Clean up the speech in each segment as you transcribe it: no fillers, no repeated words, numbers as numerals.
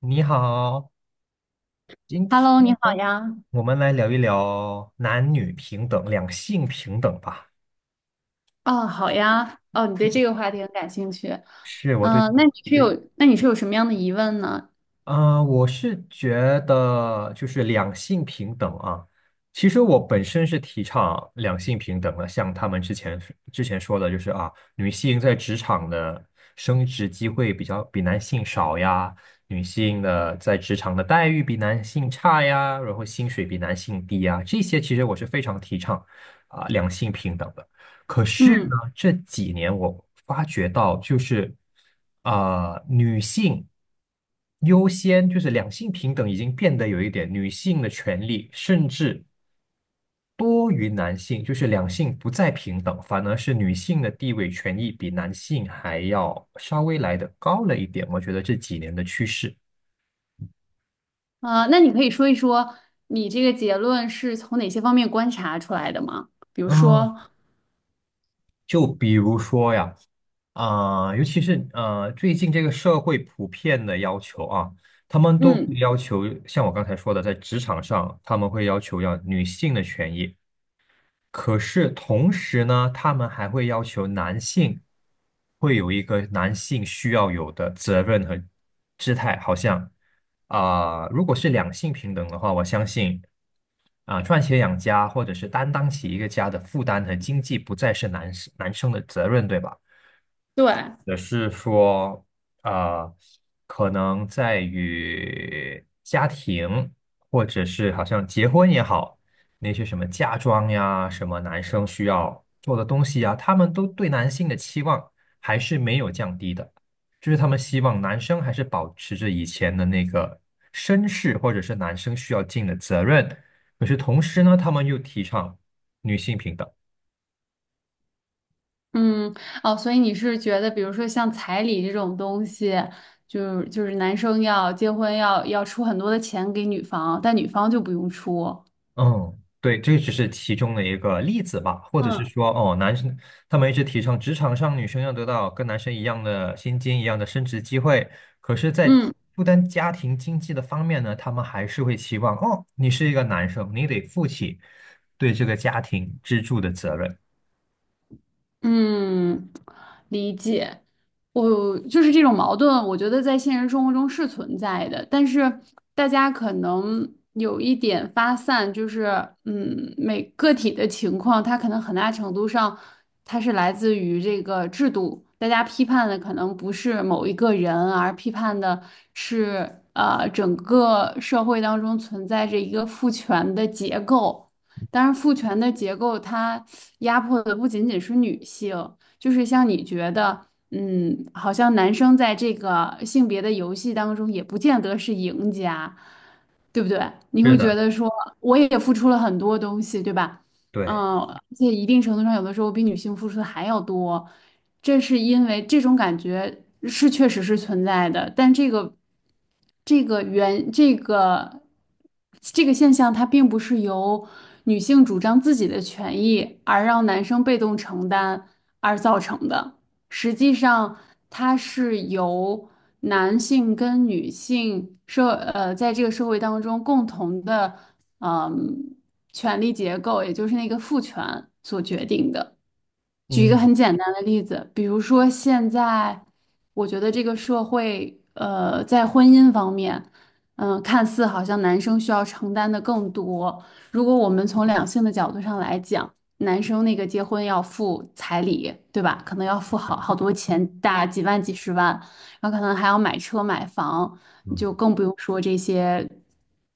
你好，今天 Hello，你好呢呀。我们来聊一聊男女平等、两性平等吧。哦，好呀。哦，你对这个话题很感兴趣。是我对，那你是有，什么样的疑问呢？我是觉得就是两性平等啊。其实我本身是提倡两性平等的，像他们之前说的，就是啊，女性在职场的升职机会比男性少呀，女性的在职场的待遇比男性差呀，然后薪水比男性低呀，这些其实我是非常提倡两性平等的。可是嗯，呢，这几年我发觉到，就是女性优先，就是两性平等已经变得有一点女性的权利，甚至多于男性，就是两性不再平等，反而是女性的地位权益比男性还要稍微来的高了一点。我觉得这几年的趋势，那你可以说一说你这个结论是从哪些方面观察出来的吗？比如嗯，说，就比如说呀。尤其是最近这个社会普遍的要求啊，他们都会嗯，要求，像我刚才说的，在职场上，他们会要求要女性的权益，可是同时呢，他们还会要求男性会有一个男性需要有的责任和姿态，好像如果是两性平等的话，我相信赚钱养家或者是担当起一个家的负担和经济，不再是男生的责任，对吧？对，也是说，呃，可能在于家庭，或者是好像结婚也好，那些什么嫁妆呀，什么男生需要做的东西呀，他们都对男性的期望还是没有降低的，就是他们希望男生还是保持着以前的那个绅士，或者是男生需要尽的责任。可是同时呢，他们又提倡女性平等。嗯，哦，所以你是觉得，比如说像彩礼这种东西，就是男生要结婚要出很多的钱给女方，但女方就不用出。嗯，对，这只是其中的一个例子吧，或者是嗯说，哦，男生他们一直提倡职场上女生要得到跟男生一样的薪金、一样的升职机会，可是，在嗯负担家庭经济的方面呢，他们还是会期望，哦，你是一个男生，你得负起对这个家庭支柱的责任。嗯，理解。我就是这种矛盾，我觉得在现实生活中是存在的，但是大家可能有一点发散，就是嗯，每个体的情况，它可能很大程度上，它是来自于这个制度。大家批判的可能不是某一个人，而批判的是整个社会当中存在着一个父权的结构。当然，父权的结构，它压迫的不仅仅是女性，就是像你觉得，嗯，好像男生在这个性别的游戏当中也不见得是赢家，对不对？你是会觉的，得说，我也付出了很多东西，对吧？对，嗯，而且一定程度上，有的时候比女性付出的还要多，这是因为这种感觉是确实是存在的，但这个这个原这个这个现象，它并不是由女性主张自己的权益而让男生被动承担而造成的，实际上它是由男性跟女性在这个社会当中共同的。嗯权力结构，也就是那个父权所决定的。举一个嗯很简单的例子，比如说现在，我觉得这个社会，在婚姻方面，看似好像男生需要承担的更多。如果我们从两性的角度上来讲，男生那个结婚要付彩礼，对吧？可能要付好多钱，大几万、几十万，然后可能还要买车、买房，嗯，就更不用说这些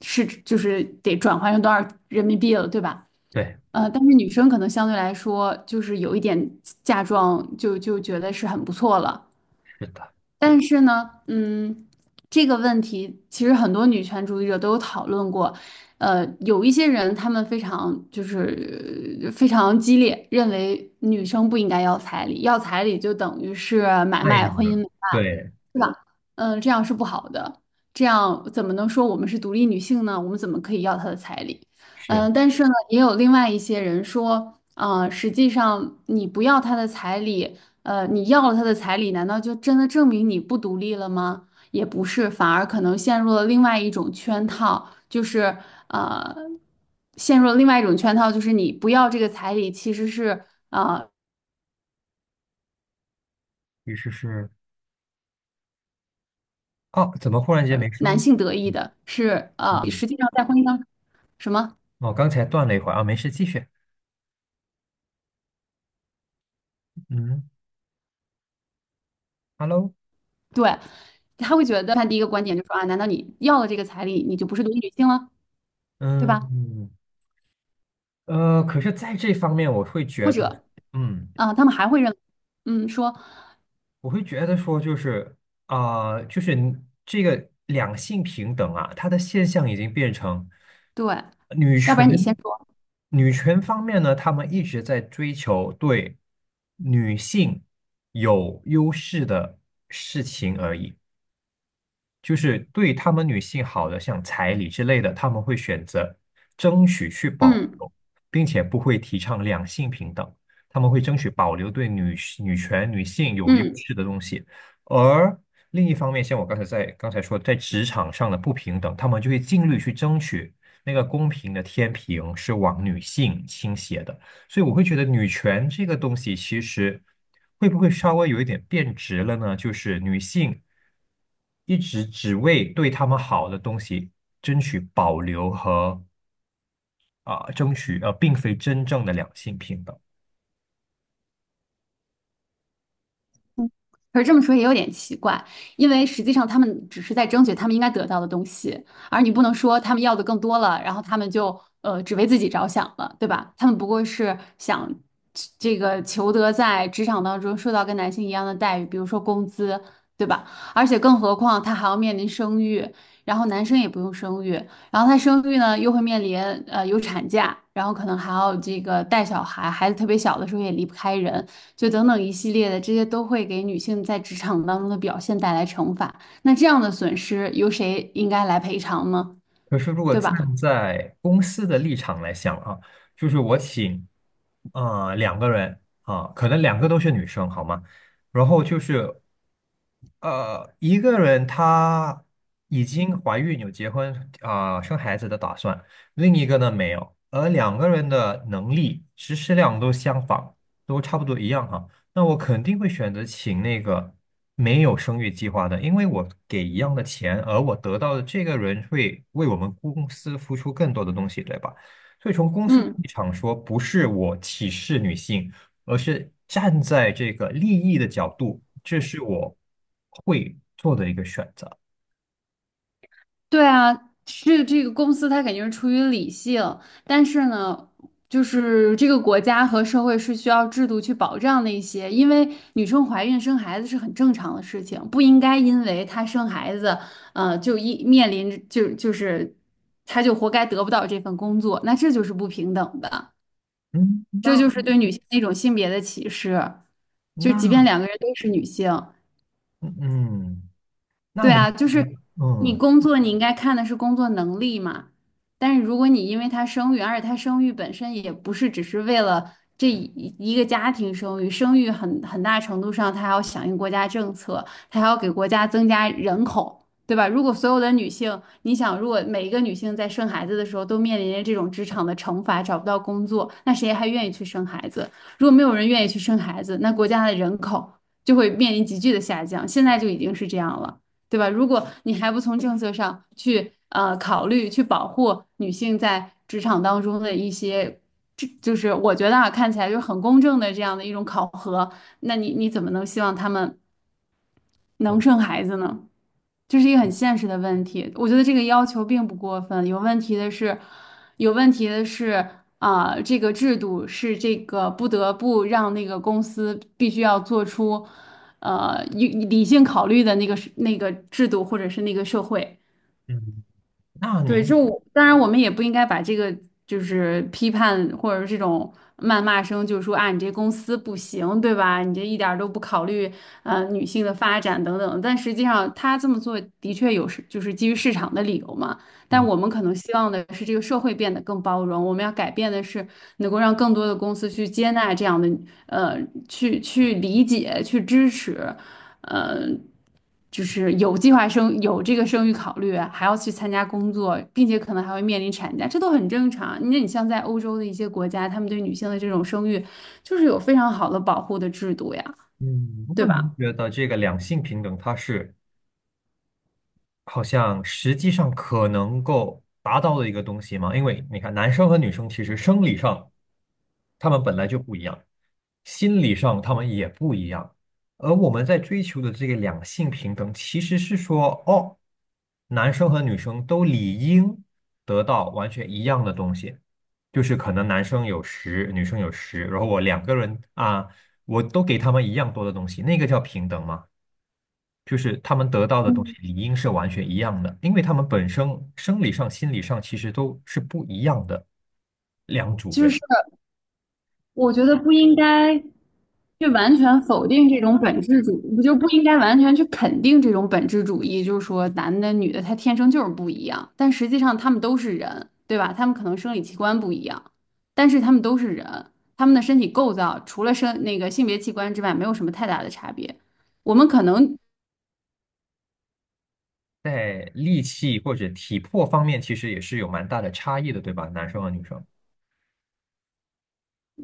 是就是得转换成多少人民币了，对吧？对，但是女生可能相对来说就是有一点嫁妆就觉得是很不错了，是的，但是呢，嗯，这个问题其实很多女权主义者都有讨论过。有一些人他们非常激烈，认为女生不应该要彩礼，要彩礼就等于是买那一卖点婚呢。姻买卖，对，是吧？这样是不好的，这样怎么能说我们是独立女性呢？我们怎么可以要她的彩礼？是，但是呢，也有另外一些人说，实际上你不要她的彩礼。你要了他的彩礼，难道就真的证明你不独立了吗？也不是，反而可能陷入了另外一种圈套，呃，陷入了另外一种圈套，就是你不要这个彩礼，其实是于是是，哦，怎么忽然间没男声？性得意嗯，的，嗯实际上在婚姻当什么？哦，刚才断了一会儿啊，没事，继续。嗯，Hello，对，他会觉得他第一个观点就是说啊，难道你要了这个彩礼，你就不是独立女性了，对吧？嗯，可是在这方面，我会或觉得，者嗯，他们还会认为嗯，说我会觉得说，就是就是你这个两性平等啊，它的现象已经变成对，女要不然你先权，说，女权方面呢，他们一直在追求对女性有优势的事情而已。就是对他们女性好的，像彩礼之类的，他们会选择争取去保嗯留，并且不会提倡两性平等，他们会争取保留对女权、女性有优嗯。势的东西。而另一方面，像我刚才说，在职场上的不平等，他们就会尽力去争取那个公平的天平是往女性倾斜的。所以我会觉得女权这个东西其实会不会稍微有一点变质了呢？就是女性一直只为对她们好的东西争取保留和争取，并非真正的两性平等。可是这么说也有点奇怪，因为实际上他们只是在争取他们应该得到的东西，而你不能说他们要的更多了，然后他们就只为自己着想了，对吧？他们不过是想这个求得在职场当中受到跟男性一样的待遇，比如说工资，对吧？而且更何况他还要面临生育，然后男生也不用生育，然后他生育呢又会面临有产假，然后可能还要这个带小孩，孩子特别小的时候也离不开人。就等等一系列的，这些都会给女性在职场当中的表现带来惩罚。那这样的损失由谁应该来赔偿呢？可是如果对站吧？在公司的立场来想啊，就是我请两个人啊、可能两个都是女生，好吗？然后就是。一个人她已经怀孕有结婚生孩子的打算，另一个呢没有，而两个人的能力、实施量都相仿，都差不多一样哈。那我肯定会选择请那个没有生育计划的，因为我给一样的钱，而我得到的这个人会为我们公司付出更多的东西，对吧？所以从公司的嗯，立场说，不是我歧视女性。而是站在这个利益的角度，这是我会做的一个选择。对啊，是这个公司它肯定是出于理性，但是呢，就是这个国家和社会是需要制度去保障的一些，因为女生怀孕生孩子是很正常的事情，不应该因为她生孩子，就一面临着。她就活该得不到这份工作，那这就是不平等的。嗯，这就那是对女性的一种性别的歧视。就那即便两个人都是女性，嗯嗯那对您啊，就觉得是你嗯工作，你应该看的是工作能力嘛。但是如果你因为她生育，而且她生育本身也不是只是为了这一个家庭生育，生育很大程度上她还要响应国家政策，他还要给国家增加人口，对吧？如果所有的女性，你想，如果每一个女性在生孩子的时候都面临着这种职场的惩罚，找不到工作，那谁还愿意去生孩子？如果没有人愿意去生孩子，那国家的人口就会面临急剧的下降，现在就已经是这样了。对吧？如果你还不从政策上去考虑去保护女性在职场当中的一些，这就是我觉得啊看起来就是很公正的这样的一种考核，那你怎么能希望他们嗯，能生孩子呢？这是一个很现实的问题。我觉得这个要求并不过分，有问题的是，有问题的是这个制度是这个不得不让那个公司必须要做出，理性考虑的那个是那个制度或者是那个社会。嗯那对，就您我当然我们也不应该把这个就是批判或者是这种谩骂声，就是说啊，你这公司不行，对吧？你这一点儿都不考虑女性的发展等等。但实际上他这么做的确有是就是基于市场的理由嘛。但嗯我们可能希望的是这个社会变得更包容，我们要改变的是能够让更多的公司去接纳这样的呃去理解去支持。呃，就是有计划生有这个生育考虑，还要去参加工作，并且可能还会面临产假，这都很正常。那你像在欧洲的一些国家，他们对女性的这种生育，就是有非常好的保护的制度呀，嗯，对那吧？您觉得这个两性平等，它是好像实际上可能够达到的一个东西吗？因为你看，男生和女生其实生理上。他们本来就不一样，心理上他们也不一样。而我们在追求的这个两性平等，其实是说，哦，男生和女生都理应得到完全一样的东西，就是可能男生有十，女生有十，然后我两个人啊，我都给他们一样多的东西，那个叫平等吗？就是他们得到的东西理应是完全一样的，因为他们本身生理上、心理上其实都是不一样的两组就人。是。我觉得不应该去完全否定这种本质主，不就不应该完全去肯定这种本质主义，就是说男的女的他天生就是不一样，但实际上他们都是人，对吧？他们可能生理器官不一样，但是他们都是人，他们的身体构造除了生那个性别器官之外，没有什么太大的差别。我们可能在力气或者体魄方面，其实也是有蛮大的差异的，对吧？男生和女生。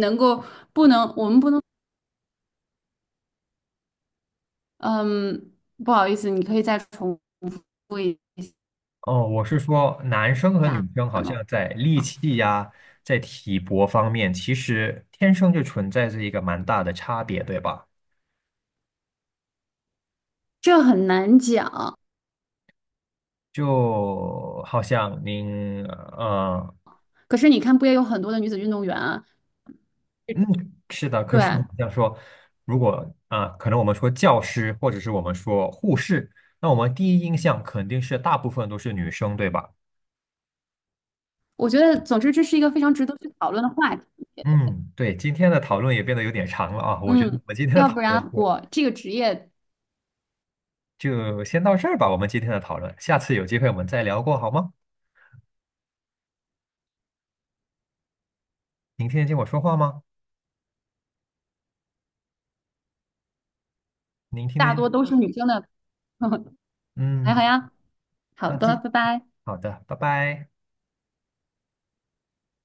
能够不能，我们不能，嗯，不好意思，你可以再重复一哦，我是说，男生和下女生好吗？像在力气呀，在体魄方面，其实天生就存在着一个蛮大的差别，对吧？这很难讲，就好像您，可是你看，不也有很多的女子运动员啊？嗯，是的，可对，是好像说，如果可能我们说教师，或者是我们说护士，那我们第一印象肯定是大部分都是女生，对吧？我觉得，总之这是一个非常值得去讨论的话题。嗯，对，今天的讨论也变得有点长了啊，我觉得我嗯，们今天的要讨不论然就我这个职业就先到这儿吧，我们今天的讨论，下次有机会我们再聊过好吗？您听得见我说话吗？您听得大见？多都是女生的。还好嗯，呀，好那的，记，拜拜。好的，拜拜。